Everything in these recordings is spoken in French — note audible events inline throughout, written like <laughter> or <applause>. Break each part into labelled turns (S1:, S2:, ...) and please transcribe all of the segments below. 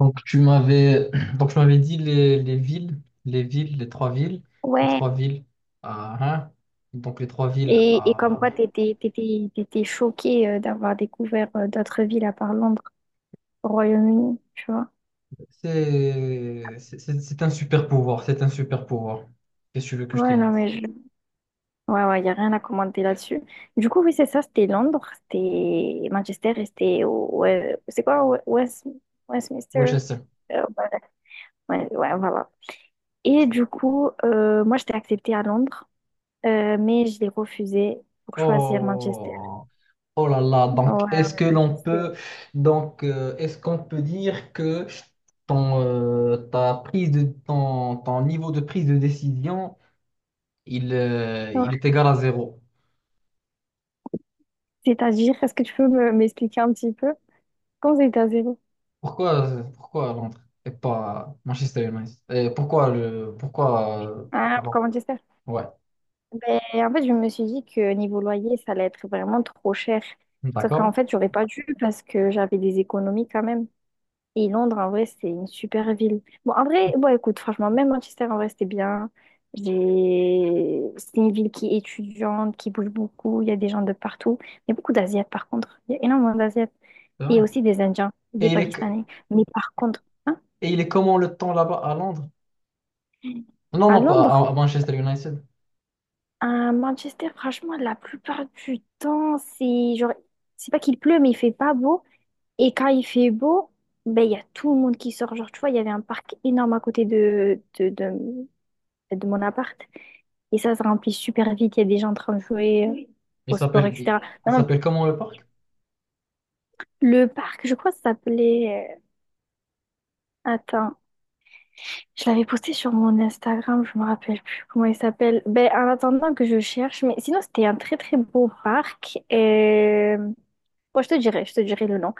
S1: Donc tu m'avais <clears throat> donc je m'avais dit les villes, les villes, les trois villes, les
S2: Ouais,
S1: trois villes à Reims. Donc les trois villes
S2: et comme
S1: à ouais.
S2: quoi t'étais choquée d'avoir découvert d'autres villes à part Londres, au Royaume-Uni, tu vois.
S1: C'est un super pouvoir, c'est un super pouvoir. Qu'est-ce que tu veux que je te
S2: Ouais, non,
S1: dise?
S2: mais je... Ouais, ouais, y a rien à commenter là-dessus. Du coup, oui, c'est ça, c'était Londres, c'était Manchester et ouais, c'est quoi, Westminster?
S1: Winchester.
S2: Euh, Ouais, ouais, ouais, voilà. Et du coup, moi, j'étais acceptée à Londres, mais je l'ai refusée pour choisir Manchester.
S1: Oh, oh là là. Donc
S2: Ouais,
S1: est-ce
S2: ouais,
S1: que
S2: bah, je
S1: l'on
S2: sais.
S1: peut donc est-ce qu'on peut dire que ton ta prise de ton, ton niveau de prise de décision
S2: Ouais.
S1: il est égal à zéro.
S2: C'est-à-dire, est-ce que tu peux m'expliquer un petit peu? Comment ça, États-Unis?
S1: Pourquoi, pourquoi Londres et pas Manchester United? Et pourquoi le, pourquoi
S2: Ah,
S1: avant?
S2: pourquoi Manchester?
S1: Ouais,
S2: Ben, en fait, je me suis dit que niveau loyer, ça allait être vraiment trop cher. Sauf qu'en
S1: d'accord,
S2: fait, j'aurais pas dû parce que j'avais des économies quand même. Et Londres, en vrai, c'est une super ville. Bon, en vrai, bon, écoute, franchement, même Manchester, en vrai, c'était bien. J'ai... C'est une ville qui est étudiante, qui bouge beaucoup. Il y a des gens de partout. Il y a beaucoup d'Asiates, par contre. Il y a énormément d'Asiates.
S1: c'est
S2: Et
S1: vrai.
S2: aussi des Indiens,
S1: Et
S2: des
S1: il est, que-
S2: Pakistanais. Mais par contre, hein,
S1: et il est comment le temps là-bas à Londres? Non,
S2: à
S1: non, pas
S2: Londres,
S1: à, à Manchester United.
S2: à Manchester, franchement, la plupart du temps, c'est genre, c'est pas qu'il pleut, mais il fait pas beau. Et quand il fait beau, ben, il y a tout le monde qui sort. Genre, tu vois, il y avait un parc énorme à côté de mon appart. Et ça se remplit super vite. Il y a des gens en train de jouer
S1: Il
S2: au sport,
S1: s'appelle, il,
S2: etc.
S1: il
S2: Non, non,
S1: s'appelle comment le parc?
S2: le parc, je crois que ça s'appelait, attends, je l'avais posté sur mon Instagram, je me rappelle plus comment il s'appelle. Ben, en attendant que je cherche, mais sinon, c'était un très très beau parc. Bon, je te dirai le nom.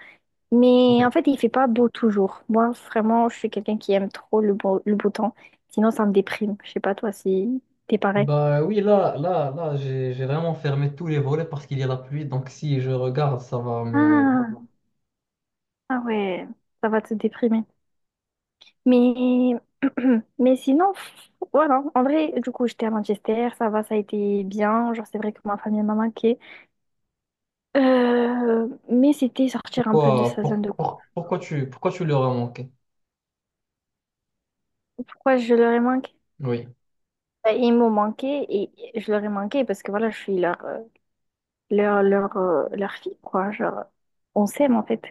S1: Ok.
S2: Mais en fait, il fait pas beau toujours. Moi, vraiment, je suis quelqu'un qui aime trop le beau temps. Sinon, ça me déprime. Je sais pas toi si t'es pareil.
S1: Bah oui, là, là, là, j'ai vraiment fermé tous les volets parce qu'il y a la pluie. Donc si je regarde, ça va me.
S2: Ah, ah ouais, ça va te déprimer. Mais, <clears throat> mais sinon, pff, voilà. En vrai, du coup, j'étais à Manchester, ça va, ça a été bien. Genre, c'est vrai que ma famille m'a manqué. Mais c'était sortir un peu de
S1: Pourquoi,
S2: sa zone de confort.
S1: pourquoi pourquoi tu leur as manqué?
S2: Pourquoi je leur ai manqué?
S1: Oui.
S2: Bah, ils m'ont manqué et je leur ai manqué parce que voilà, je suis leur fille, quoi. Genre, on s'aime, en fait.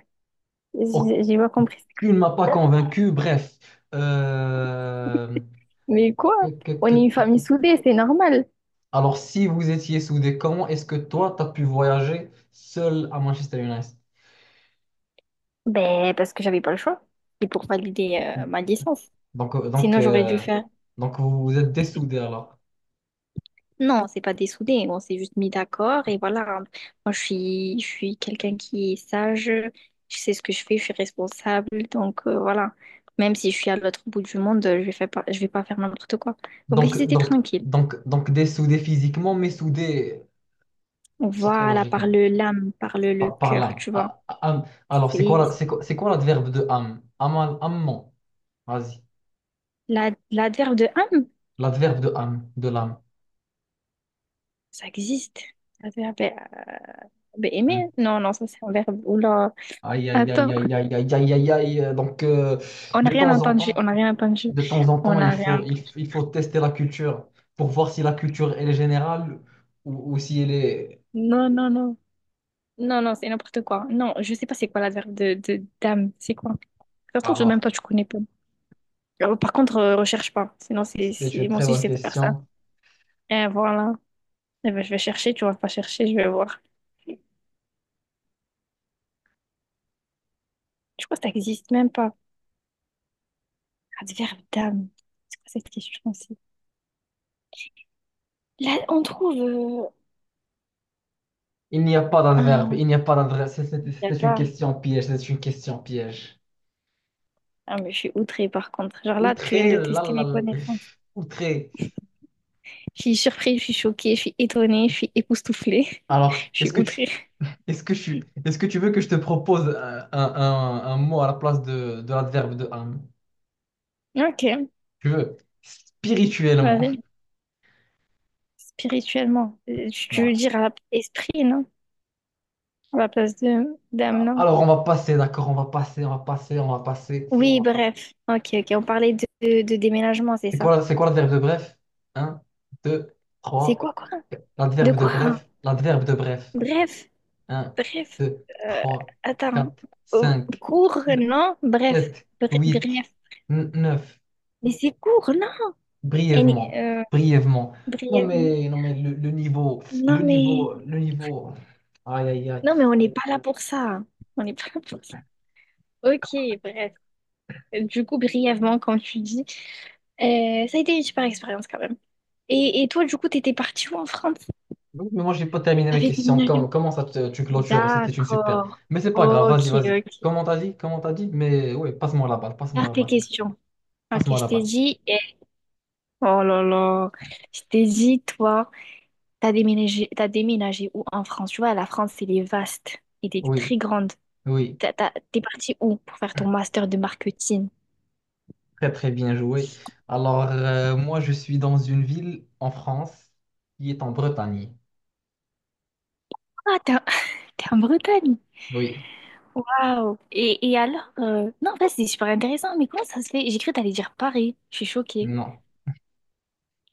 S1: Aucune,
S2: J'ai pas compris.
S1: tu ne m'as pas convaincu. Bref. Euh,
S2: Mais quoi? On est une famille soudée, c'est normal.
S1: Alors, si vous étiez soudés, comment est-ce que toi, tu as pu voyager seul à Manchester United?
S2: Ben, parce que j'avais pas le choix. C'est pour valider ma licence.
S1: Donc, euh, donc,
S2: Sinon, j'aurais dû
S1: euh,
S2: faire.
S1: donc vous vous êtes
S2: c'est-
S1: dessoudés alors.
S2: Non, c'est pas dessoudé. On s'est juste mis d'accord et voilà. Moi, je suis quelqu'un qui est sage. Je sais ce que je fais. Je suis responsable. Donc, voilà. Même si je suis à l'autre bout du monde, je vais pas faire n'importe quoi. Donc,
S1: Donc,
S2: ils étaient
S1: donc,
S2: tranquilles.
S1: donc dessoudés physiquement, mais soudés
S2: Voilà, par
S1: psychologiquement,
S2: le l'âme, par le
S1: par, par
S2: cœur,
S1: l'âme.
S2: tu vois.
S1: Ah, ah, âme. Alors,
S2: C'est
S1: c'est quoi l'adverbe de âme? Amal, amant. Vas-y.
S2: l'adverbe de âme,
S1: L'adverbe de âme, de l'âme.
S2: ça existe. L'adverbe ben,
S1: Hmm.
S2: aimer, non, non, ça c'est un verbe. Oula,
S1: Aïe, aïe, aïe,
S2: attends,
S1: aïe, aïe, aïe, aïe, aïe, aïe. Donc,
S2: on n'a
S1: de
S2: rien
S1: temps en
S2: entendu,
S1: temps,
S2: on n'a rien entendu,
S1: de temps en
S2: on
S1: temps, il
S2: n'a rien.
S1: faut, il faut tester la culture pour voir si la culture, elle est générale ou si elle est...
S2: Non, non, non, non, non, c'est n'importe quoi. Non, je sais pas c'est quoi l'adverbe de, d'âme, c'est quoi? Ça se trouve, même
S1: Alors,
S2: toi tu connais pas. Par contre, recherche pas, sinon
S1: c'est
S2: c'est...
S1: une
S2: moi
S1: très
S2: aussi je
S1: bonne
S2: sais faire ça.
S1: question.
S2: Et voilà, eh ben, je vais chercher, tu vas pas chercher, je vais voir. Je crois que ça existe même pas. Amsterdam. C'est quoi cette question aussi? Là, on trouve
S1: Il n'y a pas d'adverbe,
S2: un...
S1: il n'y a pas d'adverbe. C'est c'est-
S2: y a
S1: c'est une
S2: pas...
S1: question piège, c'est une question piège.
S2: Ah, mais je suis outrée par contre. Genre là, tu viens
S1: Outré,
S2: de
S1: là,
S2: tester
S1: là,
S2: mes
S1: là,
S2: connaissances.
S1: outré.
S2: Je suis surprise, je suis choquée, je suis étonnée, je suis époustouflée.
S1: Alors,
S2: <laughs> Je suis
S1: est-ce que
S2: outrée.
S1: tu, est-ce que tu, est-ce que tu veux que je te propose un mot à la place de l'adverbe de âme?
S2: Ok,
S1: Tu veux? Spirituellement.
S2: vas-y. Spirituellement. Tu
S1: Ouais.
S2: veux dire esprit, non? À la place de d'âme, non?
S1: Alors, on va passer, d'accord, on va passer, on va passer, on va passer.
S2: Oui, bref. Ok, ok. On parlait de déménagement, c'est ça.
S1: C'est quoi l'adverbe de bref? Un, deux,
S2: C'est
S1: trois.
S2: quoi, quoi? De
S1: L'adverbe de
S2: quoi?
S1: bref, l'adverbe de bref.
S2: Bref.
S1: Un,
S2: Bref,
S1: deux,
S2: euh,
S1: trois,
S2: attends.
S1: quatre,
S2: Euh,
S1: cinq,
S2: court, non? Bref,
S1: sept, huit,
S2: bref.
S1: neuf.
S2: Mais c'est court, non? Et
S1: Brièvement, brièvement. Non
S2: bref.
S1: mais, non mais le niveau, le
S2: Non, mais...
S1: niveau, le niveau. Aïe, aïe, aïe.
S2: Non, mais on n'est pas là pour ça. On n'est pas là pour ça. Ok, bref. Du coup, brièvement, comme tu dis, ça a été une super expérience quand même. Et toi, du coup, t'étais partie où en France?
S1: Donc, mais moi, j'ai pas terminé mes
S2: T'avais
S1: questions.
S2: déménagé où?
S1: Comment, ça, tu clôtures? C'était une super.
S2: D'accord.
S1: Mais c'est pas grave,
S2: Ok,
S1: vas-y, vas-y.
S2: ok.
S1: Comment t'as dit? Comment t'as dit? Mais oui, passe-moi la balle, passe-moi
S2: Garde
S1: la
S2: tes
S1: balle.
S2: questions. Ok,
S1: Passe-moi
S2: je
S1: la
S2: t'ai
S1: balle.
S2: dit... Oh là là. Je t'ai dit, toi. T'as déménagé où en France? Tu vois, la France, elle est vaste. Elle est
S1: Oui,
S2: très grande.
S1: oui,
S2: T'es parti où pour faire ton master de marketing?
S1: très très bien joué. Alors, moi, je suis dans une ville en France qui est en Bretagne.
S2: Ah, t'es en, <laughs> t'es en Bretagne.
S1: Oui,
S2: Waouh. Et alors? Non, en fait, c'est super intéressant. Mais comment ça se fait? J'ai cru que t'allais dire Paris. Je suis choquée.
S1: non.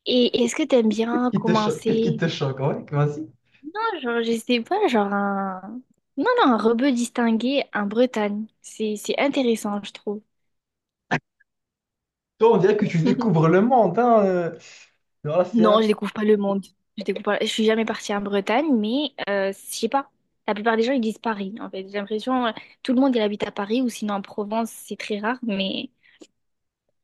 S2: Et est-ce que t'aimes
S1: Qu'est-ce
S2: bien
S1: qui te choque? Qu'est-ce qui
S2: commencer?
S1: te choque? Ouais, vas-y.
S2: Non, genre, je sais pas, genre un... Non, non, un rebeu distingué en Bretagne. C'est intéressant, je trouve.
S1: Toi, on dirait que tu
S2: <laughs>
S1: découvres le monde, hein. Alors c'est
S2: Non,
S1: un
S2: je découvre pas le monde. Je découvre pas- Je suis jamais partie en Bretagne, mais je sais pas. La plupart des gens, ils disent Paris, en fait. J'ai l'impression, tout le monde, il habite à Paris ou sinon en Provence, c'est très rare. Mais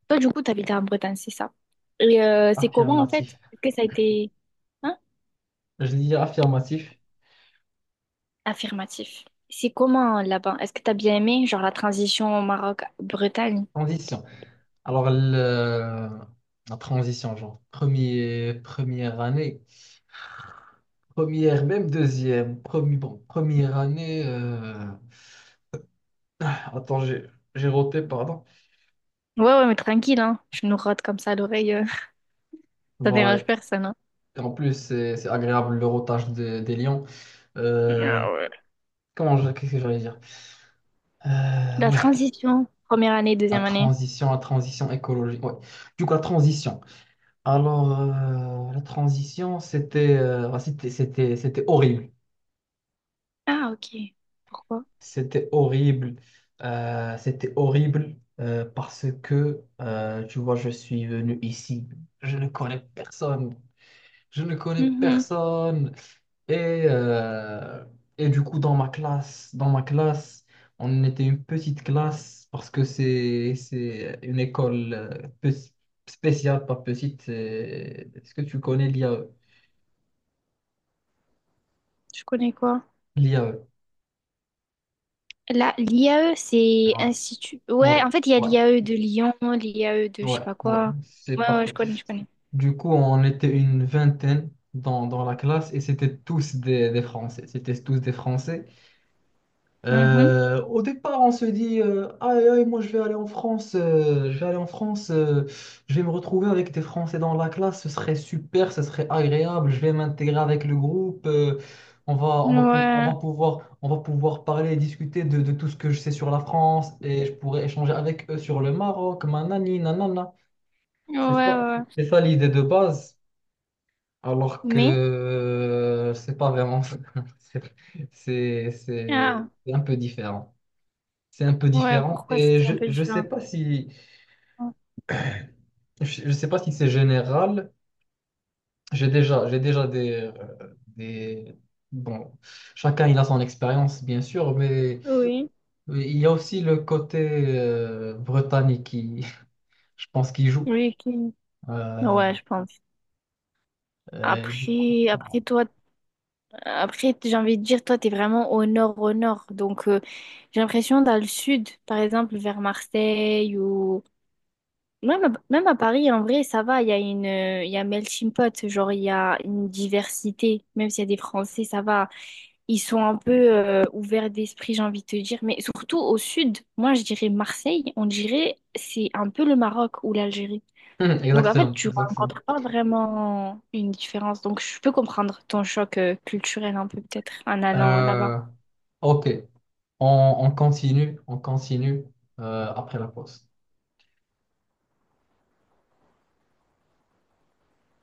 S2: toi, du coup, t'habites en Bretagne, c'est ça. Et c'est comment, en fait?
S1: affirmatif.
S2: Est-ce que ça a été... Hein?
S1: Je dis affirmatif.
S2: Affirmatif. C'est comment, là-bas? Est-ce que t'as bien aimé, genre, la transition au Maroc-Bretagne?
S1: Condition. Alors, la transition, genre, premier, première année, première, même deuxième, premier, bon, première année, attends, j'ai roté, pardon.
S2: Ouais, ouais, mais tranquille, hein. Je nous rote comme ça à l'oreille, <laughs> ça dérange
S1: Voilà,
S2: personne, hein.
S1: et en plus, c'est agréable le rotage des lions. Euh,
S2: Ah ouais.
S1: comment, qu'est-ce que j'allais dire? Euh,
S2: La
S1: ouais,
S2: transition, première année, deuxième année.
S1: la transition écologique, ouais. Du coup, la transition. Alors, la transition, c'était bah, c'était horrible.
S2: Ah, ok. Pourquoi?
S1: C'était horrible. C'était horrible parce que, tu vois, je suis venu ici. Je ne connais personne. Je ne connais
S2: Mhm.
S1: personne. Et, euh, et du coup, dans ma classe, on était une petite classe parce que c'est une école spéciale, pas petite. Est-ce que tu connais l'IAE?
S2: Je connais quoi?
S1: L'IAE.
S2: l'IAE, c'est
S1: Ouais,
S2: institut. Ouais,
S1: ouais,
S2: en fait, il y a
S1: ouais,
S2: l'IAE de Lyon, l'IAE de je
S1: ouais,
S2: sais pas
S1: ouais.
S2: quoi.
S1: C'est
S2: Ouais, ouais,
S1: partout.
S2: je connais, je connais.
S1: Du coup, on était une vingtaine dans la classe et c'était des Français. C'était tous des Français.
S2: Mhm.
S1: Au départ, on se dit, aïe, aïe, moi je vais aller en France, je vais aller en France, je vais me retrouver avec des Français dans la classe, ce serait super, ce serait agréable, je vais m'intégrer avec le groupe,
S2: Ouais,
S1: on va pouvoir parler et discuter de tout ce que je sais sur la France et je pourrais échanger avec eux sur le Maroc, manani, nanana.
S2: ouais,
S1: C'est ça,
S2: ouais.
S1: c'est ça l'idée de base. Alors que
S2: Mais,
S1: c'est pas vraiment ça. <laughs> c'est c'est c'est-
S2: ah,
S1: c'est un peu différent. C'est un peu
S2: ouais,
S1: différent
S2: pourquoi
S1: et
S2: c'était un peu
S1: je sais
S2: différent?
S1: pas si je sais pas si c'est général. J'ai déjà des des bon, chacun il a son expérience bien sûr,
S2: Oui,
S1: mais il y a aussi le côté britannique qui <laughs> je pense qui joue.
S2: oui,
S1: Euh,
S2: ouais, je pense.
S1: et du coup
S2: Après toi,
S1: <clears throat>
S2: après, j'ai envie de dire, toi, t'es vraiment au nord, au nord. Donc, j'ai l'impression dans le sud, par exemple, vers Marseille ou même à Paris, en vrai, ça va, il y a melting pot, genre il y a une diversité. Même s'il y a des Français, ça va. Ils sont un peu ouverts d'esprit, j'ai envie de te dire. Mais surtout au sud, moi je dirais Marseille, on dirait c'est un peu le Maroc ou l'Algérie.
S1: <laughs>
S2: Donc en fait,
S1: exactement,
S2: tu
S1: exactement.
S2: rencontres pas vraiment une différence. Donc je peux comprendre ton choc culturel un peu peut-être en allant
S1: Euh,
S2: là-bas.
S1: ok, on continue après la pause.